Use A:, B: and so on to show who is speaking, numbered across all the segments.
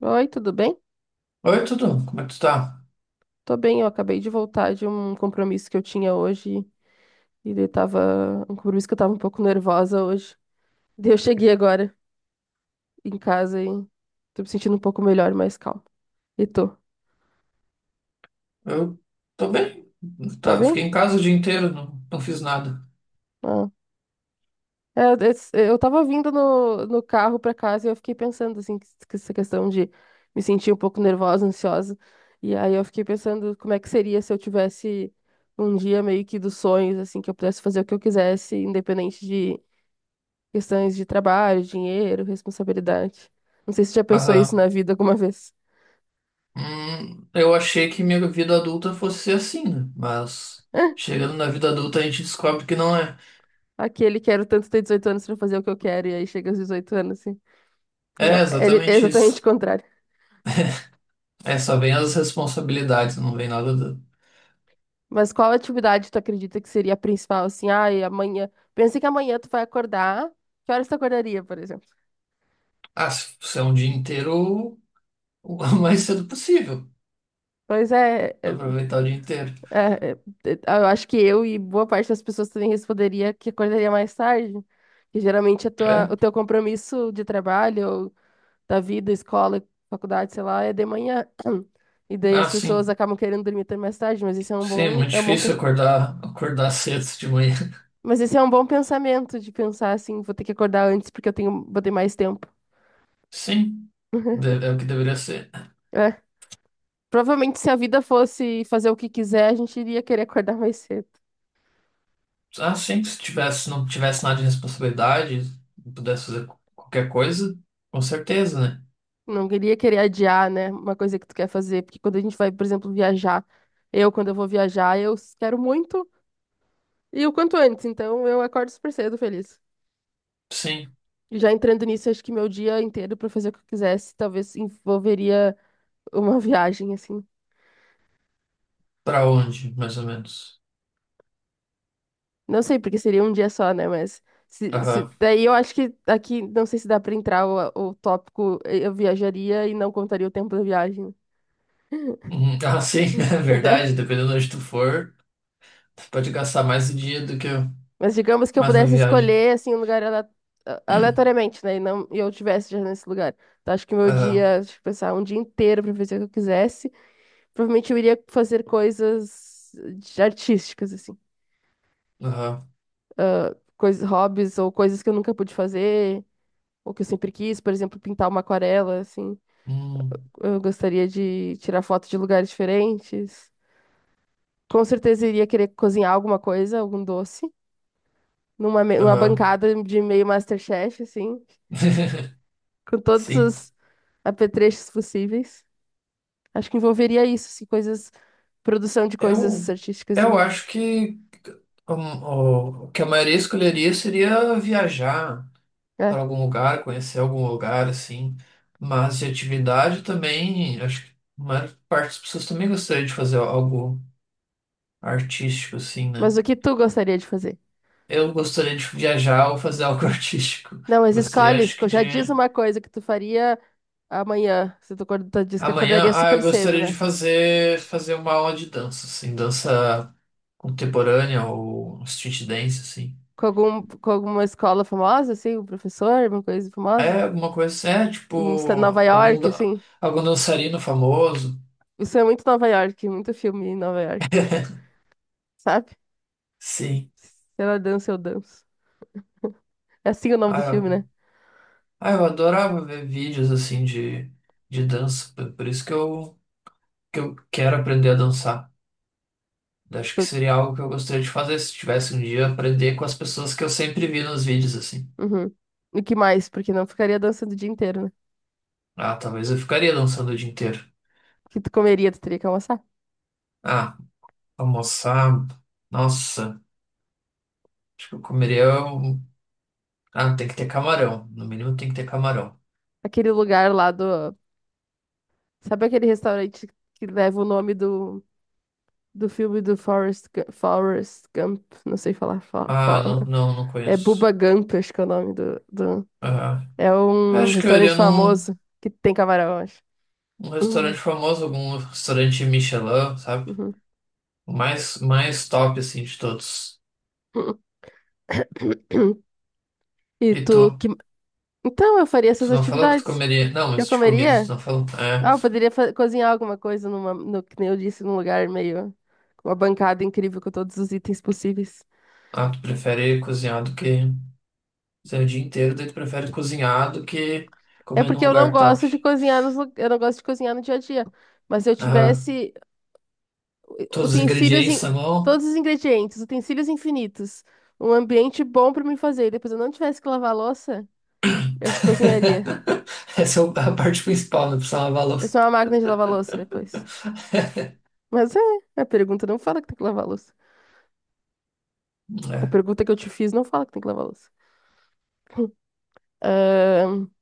A: Oi, tudo bem?
B: Oi, tudo? Como é que tu tá?
A: Tô bem, eu acabei de voltar de um compromisso que eu tinha hoje e daí tava um compromisso que eu tava um pouco nervosa hoje. Daí eu cheguei agora em casa e tô me sentindo um pouco melhor, mais calma. E tu,
B: Eu tô bem.
A: tá
B: Tá, fiquei
A: bem?
B: em casa o dia inteiro, não fiz nada.
A: Ah. É, eu tava vindo no carro pra casa e eu fiquei pensando assim, que essa questão de me sentir um pouco nervosa, ansiosa. E aí eu fiquei pensando como é que seria se eu tivesse um dia meio que dos sonhos, assim, que eu pudesse fazer o que eu quisesse, independente de questões de trabalho, dinheiro, responsabilidade. Não sei se você já pensou isso na
B: Aham.
A: vida alguma vez.
B: Eu achei que minha vida adulta fosse ser assim, né? Mas chegando na vida adulta a gente descobre que não é.
A: Aquele quero tanto ter 18 anos pra fazer o que eu quero, e aí chega aos 18 anos, assim. Não,
B: É
A: é
B: exatamente
A: exatamente o
B: isso.
A: contrário.
B: É, só vem as responsabilidades, não vem nada do...
A: Mas qual atividade tu acredita que seria a principal, assim? Ai, amanhã. Pensa que amanhã tu vai acordar. Que horas tu acordaria, por exemplo?
B: Ah, se é um dia inteiro, o mais cedo possível.
A: Pois é,
B: Pra aproveitar o dia inteiro.
A: é, é, é, eu acho que eu e boa parte das pessoas também responderia que acordaria mais tarde. Que geralmente a tua,
B: É?
A: o teu compromisso de trabalho da vida, escola, faculdade, sei lá, é de manhã. E daí
B: Ah,
A: as pessoas
B: sim.
A: acabam querendo dormir até mais tarde, mas esse é um
B: Sim, é
A: bom,
B: muito difícil acordar cedo de manhã.
A: mas esse é um bom pensamento de pensar assim, vou ter que acordar antes porque eu tenho, vou ter mais tempo.
B: Sim, é o que deveria ser.
A: É. Provavelmente se a vida fosse fazer o que quiser, a gente iria querer acordar mais cedo.
B: Ah, sim, se tivesse, não tivesse nada de responsabilidade, pudesse fazer qualquer coisa, com certeza, né?
A: Não iria querer adiar, né, uma coisa que tu quer fazer, porque quando a gente vai, por exemplo, viajar, eu quando eu vou viajar, quero muito e o quanto antes, então eu acordo super cedo feliz.
B: Sim,
A: Já entrando nisso, acho que meu dia inteiro pra fazer o que eu quisesse, talvez envolveria uma viagem, assim.
B: pra onde, mais ou menos?
A: Não sei, porque seria um dia só, né? Mas
B: Aham.
A: daí eu acho que aqui, não sei se dá pra entrar o tópico, eu viajaria e não contaria o tempo da viagem,
B: Uhum. Ah, sim, é
A: entendeu?
B: verdade, dependendo de onde tu for, tu pode gastar mais o dia do que
A: Mas digamos que eu
B: mais na
A: pudesse
B: viagem.
A: escolher, assim, um lugar aleatoriamente, né? E não, e eu tivesse já nesse lugar. Então acho que meu
B: Aham,
A: dia, deixa eu pensar, um dia inteiro pra fazer o que eu quisesse, provavelmente eu iria fazer coisas artísticas, assim.
B: aham,
A: Coisas, hobbies ou coisas que eu nunca pude fazer, ou que eu sempre quis, por exemplo, pintar uma aquarela, assim.
B: hum,
A: Eu gostaria de tirar foto de lugares diferentes. Com certeza iria querer cozinhar alguma coisa, algum doce, numa
B: aham.
A: bancada de meio MasterChef, assim, com todos
B: Sim.
A: os apetrechos possíveis. Acho que envolveria isso, assim, coisas, produção de coisas
B: Eu,
A: artísticas e,
B: eu acho que um, o que a maioria escolheria seria viajar. Para
A: é.
B: algum lugar, conhecer algum lugar, assim. Mas de atividade também, acho que a maior parte das pessoas também gostaria de fazer algo artístico, assim,
A: Mas
B: né?
A: o que tu gostaria de fazer?
B: Eu gostaria de viajar ou fazer algo artístico.
A: Não,
B: Eu
A: mas
B: gostaria,
A: escolhe,
B: acho que
A: já diz
B: de.
A: uma coisa que tu faria amanhã, se disse que
B: Amanhã,
A: acordaria
B: ah, eu
A: super cedo,
B: gostaria de
A: né?
B: fazer uma aula de dança, assim, dança contemporânea ou street dance, assim.
A: Com com alguma escola famosa, assim, um professor, alguma coisa famosa?
B: É alguma coisa assim, é tipo
A: Em Nova
B: algum,
A: York,
B: da-
A: assim.
B: algum dançarino famoso.
A: Isso é muito Nova York, muito filme em Nova York, sabe?
B: Sim.
A: Se ela dança, eu danço. É assim o nome do
B: ah
A: filme, né?
B: Ah, eu adorava ver vídeos assim de dança, por isso que eu quero aprender a dançar. Eu acho que
A: Tu-
B: seria algo que eu gostaria de fazer se tivesse um dia aprender com as pessoas que eu sempre vi nos vídeos assim.
A: Uhum. E que mais? Porque não ficaria dançando o dia inteiro, né?
B: Ah, talvez eu ficaria dançando o dia inteiro.
A: O que tu comeria, tu teria que almoçar.
B: Ah, almoçar, nossa, acho que eu comeria um... Ah, tem que ter camarão, no mínimo tem que ter camarão.
A: Aquele lugar lá do. Sabe aquele restaurante que leva o nome do filme do Forrest, Forrest Gump, não sei falar,
B: Ah, não
A: é Bubba
B: conheço.
A: Gump, acho que é o nome do, do...
B: Ah,
A: É um
B: acho que eu
A: restaurante
B: iria
A: famoso que tem camarão, acho.
B: num restaurante
A: Uhum,
B: famoso, algum restaurante Michelin, sabe?
A: uhum.
B: O mais, mais top, assim, de todos.
A: E
B: E tu?
A: tu, que... Então, eu faria essas
B: Tu não falou que tu
A: atividades.
B: comeria. Não,
A: Eu
B: mas de comida tu
A: comeria?
B: não falou. É.
A: Ah, eu poderia cozinhar alguma coisa no, que nem eu disse, num lugar meio, com uma bancada incrível com todos os itens possíveis.
B: Ah, tu prefere cozinhar do que. Você é o dia inteiro, daí tu prefere cozinhar do que
A: É
B: comer num
A: porque eu não
B: lugar top.
A: gosto de cozinhar eu não gosto de cozinhar no dia a dia. Mas se eu
B: Aham.
A: tivesse
B: Todos os
A: Utensílios, in-
B: ingredientes à mão.
A: todos os ingredientes, utensílios infinitos. Um ambiente bom pra mim fazer. Depois eu não tivesse que lavar a louça, eu cozinharia.
B: Essa é a parte principal, não precisa lavar a
A: Vai ser
B: louça.
A: uma máquina de lavar louça depois. Mas é, a pergunta não fala que tem que lavar louça. A
B: É,
A: pergunta que eu te fiz não fala que tem que lavar louça. Ahn,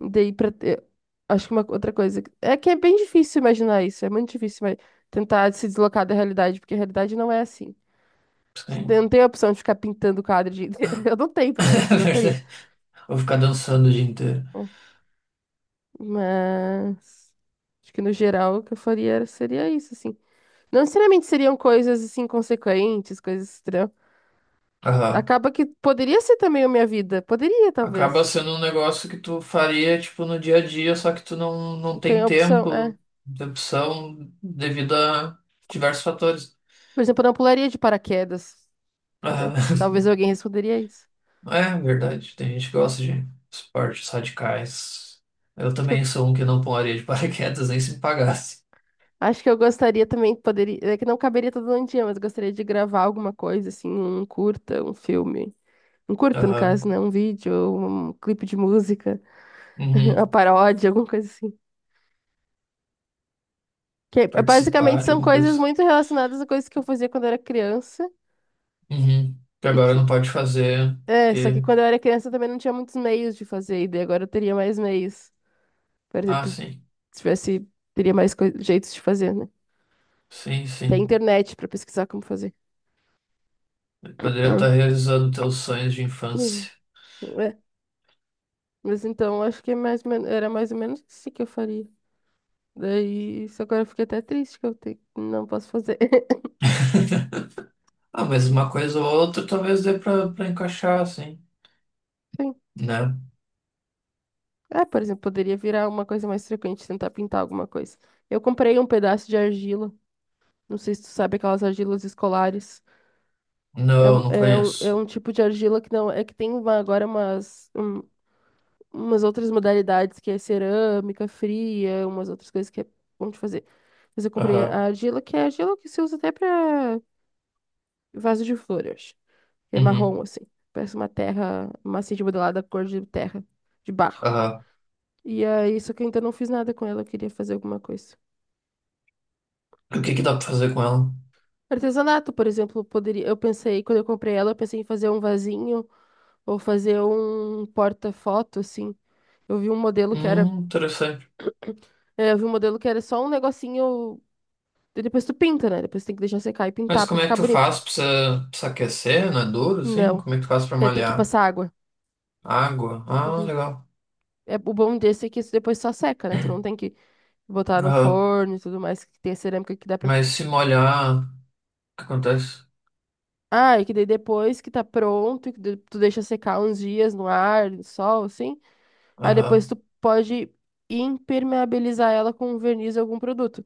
A: daí pra ter. Acho que uma outra coisa. É que é bem difícil imaginar isso. É muito difícil mas tentar se deslocar da realidade, porque a realidade não é assim. A gente
B: sim.
A: não tem a opção de ficar pintando o quadro o dia inteiro. Eu não tenho, pelo menos,
B: É
A: eu gostaria.
B: verdade. Vou ficar dançando o dia inteiro.
A: Mas acho que no geral o que eu faria seria isso, assim. Não necessariamente seriam coisas assim consequentes, coisas estranhas.
B: Aham.
A: Acaba que poderia ser também a minha vida. Poderia,
B: Acaba
A: talvez.
B: sendo um negócio que tu faria, tipo, no dia a dia, só que tu não
A: Tem
B: tem
A: a opção, é.
B: tempo, de opção, devido a diversos fatores.
A: Por exemplo, eu não pularia de paraquedas. Entendeu? Talvez
B: Ah,
A: alguém responderia isso.
B: é verdade, tem gente que gosta de esportes radicais. Eu
A: Acho que
B: também
A: eu,
B: sou um que não pularia de paraquedas nem se me pagasse.
A: acho que eu gostaria também, poderia, é que não caberia todo um dia, mas eu gostaria de gravar alguma coisa, assim, um curta, um filme. Um curta, no caso, né?
B: Aham,
A: Um vídeo, um clipe de música,
B: uhum.
A: uma paródia, alguma coisa assim. Que é, basicamente
B: Participar de
A: são
B: alguma
A: coisas
B: coisa.
A: muito relacionadas a coisas que eu fazia quando eu era criança.
B: Uhum. Que
A: E
B: agora
A: que.
B: não pode fazer,
A: É, só que
B: porque...
A: quando eu era criança eu também não tinha muitos meios de fazer, e daí agora eu teria mais meios. Por
B: Ah,
A: exemplo, se tivesse, teria mais jeitos de fazer, né? Tem
B: sim.
A: internet pra pesquisar como fazer.
B: Poderia estar realizando teus sonhos de
A: Hum,
B: infância.
A: é. Mas então acho que é mais, era mais ou menos isso que eu faria. Daí, isso agora eu fiquei até triste que não posso fazer.
B: Ah, mas uma coisa ou outra talvez dê pra encaixar, assim,
A: Sim.
B: né?
A: É, por exemplo, poderia virar uma coisa mais frequente, tentar pintar alguma coisa. Eu comprei um pedaço de argila. Não sei se tu sabe aquelas argilas escolares. É,
B: Não,
A: um-
B: não
A: é, um, é
B: conheço.
A: um tipo de argila que não. É que tem agora umas outras modalidades, que é cerâmica fria, umas outras coisas que é bom de fazer. Mas eu comprei
B: Aham.
A: a argila, que é a argila que se usa até pra vaso de flor, eu acho. É marrom,
B: Uhum.
A: assim. Parece uma terra, uma assim de modelada cor de terra, de barro.
B: Aham.
A: E aí, só que eu ainda não fiz nada com ela, eu queria fazer alguma coisa.
B: E o que que dá pra fazer com ela?
A: Artesanato, por exemplo, poderia. Eu pensei, quando eu comprei ela, eu pensei em fazer um vasinho. Ou fazer um porta-foto, assim. Eu vi um modelo que era.
B: Interessante.
A: É, eu vi um modelo que era só um negocinho. E depois tu pinta, né? Depois tem que deixar secar e
B: Mas
A: pintar pra
B: como é que
A: ficar
B: tu
A: bonito.
B: faz? Precisa aquecer, não é duro, assim?
A: Não.
B: Como é que tu faz pra
A: É, tem que
B: malhar?
A: passar água.
B: Água? Ah,
A: Uhum.
B: legal.
A: É, o bom desse é que isso depois só seca, né? Tu não tem que botar no
B: Aham.
A: forno e tudo mais, que tem a cerâmica que dá pra.
B: Mas se molhar, o que acontece?
A: Ah, e que daí depois que tá pronto, e que tu deixa secar uns dias no ar, no sol, assim. Aí
B: Aham.
A: depois tu pode impermeabilizar ela com um verniz ou algum produto.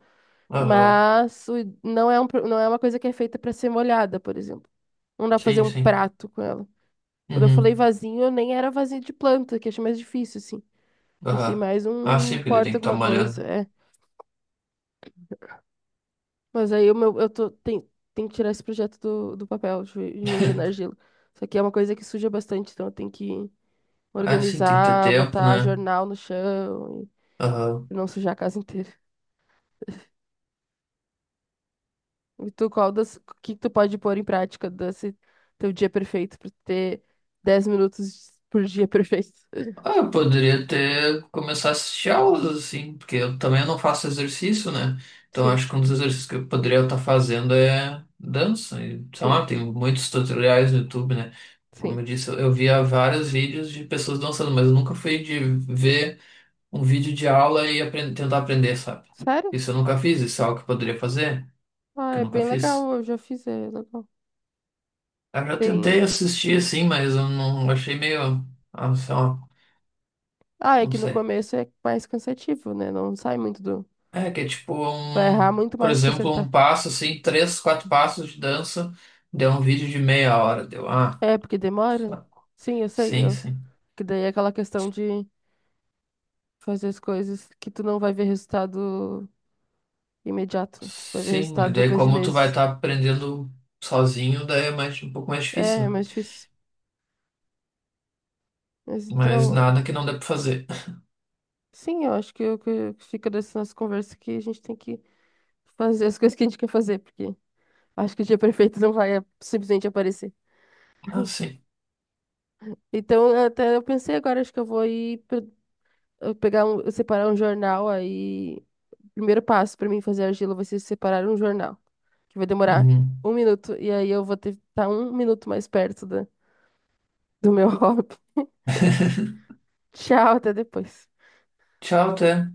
B: Aham.
A: Mas não é não é uma coisa que é feita para ser molhada, por exemplo. Não dá pra fazer
B: Sim,
A: um
B: sim.
A: prato com ela. Quando eu falei
B: Uhum.
A: vasinho, eu nem era vasinho de planta, que eu achei mais difícil, assim. Pensei
B: Aham.
A: mais
B: Ah,
A: um
B: sim,
A: um
B: porque daí tem
A: porta
B: que estar
A: alguma coisa,
B: molhando.
A: é. Mas aí o meu, eu tô, tem que tirar esse projeto do papel, de mexer na argila. Isso aqui é uma coisa que suja bastante, então eu tenho que
B: Ah, sim, tem que ter
A: organizar,
B: tempo,
A: botar
B: né?
A: jornal no chão
B: Aham.
A: e não sujar a casa inteira. E tu, o que que tu pode pôr em prática desse teu dia perfeito pra ter 10 minutos por dia perfeito?
B: Ah, eu poderia ter começar a assistir aulas, assim, porque eu também não faço exercício, né? Então
A: Sim,
B: acho que um dos exercícios que eu poderia estar fazendo é dança. E, sei
A: sim,
B: lá, tem muitos tutoriais no YouTube, né?
A: sim.
B: Como eu disse, eu via vários vídeos de pessoas dançando, mas eu nunca fui de ver um vídeo de aula e tentar aprender, sabe?
A: Sério?
B: Isso eu nunca fiz, isso é algo que eu poderia fazer,
A: Ah,
B: que eu
A: é
B: nunca
A: bem
B: fiz.
A: legal, eu já fiz, é legal.
B: Eu já
A: Tem...
B: tentei assistir, assim, mas eu não achei meio. Ah, sei lá,
A: Ah, é
B: não
A: que no
B: sei.
A: começo é mais cansativo, né? Não sai muito do...
B: É, que é tipo
A: Vai errar
B: um,
A: muito
B: por
A: mais que
B: exemplo, um
A: acertar.
B: passo assim, três, quatro passos de dança, deu um vídeo de meia hora, deu, ah,
A: É, porque demora, né? Sim, eu sei, eu...
B: sim.
A: Que daí é aquela questão de fazer as coisas que tu não vai ver resultado imediato, né? Tu vai ver
B: Sim, e
A: resultado
B: daí
A: depois de
B: como tu vai
A: meses.
B: estar aprendendo sozinho, daí é mais, um pouco mais
A: É,
B: difícil,
A: é
B: né?
A: mais difícil. Mas
B: Mas
A: então,
B: nada que não dê pra fazer.
A: sim, eu acho que o que fica dessa nossa conversa que a gente tem que fazer as coisas que a gente quer fazer, porque acho que o dia perfeito não vai é, simplesmente aparecer.
B: Ah, sim.
A: Então, até eu pensei agora, acho que eu vou ir eu pegar um, separar um jornal aí. O primeiro passo para mim fazer argila vai ser separar um jornal, que vai demorar
B: Uhum.
A: um minuto, e aí eu vou ter estar um minuto mais perto do meu hobby. Tchau, até depois.
B: Tchau, até.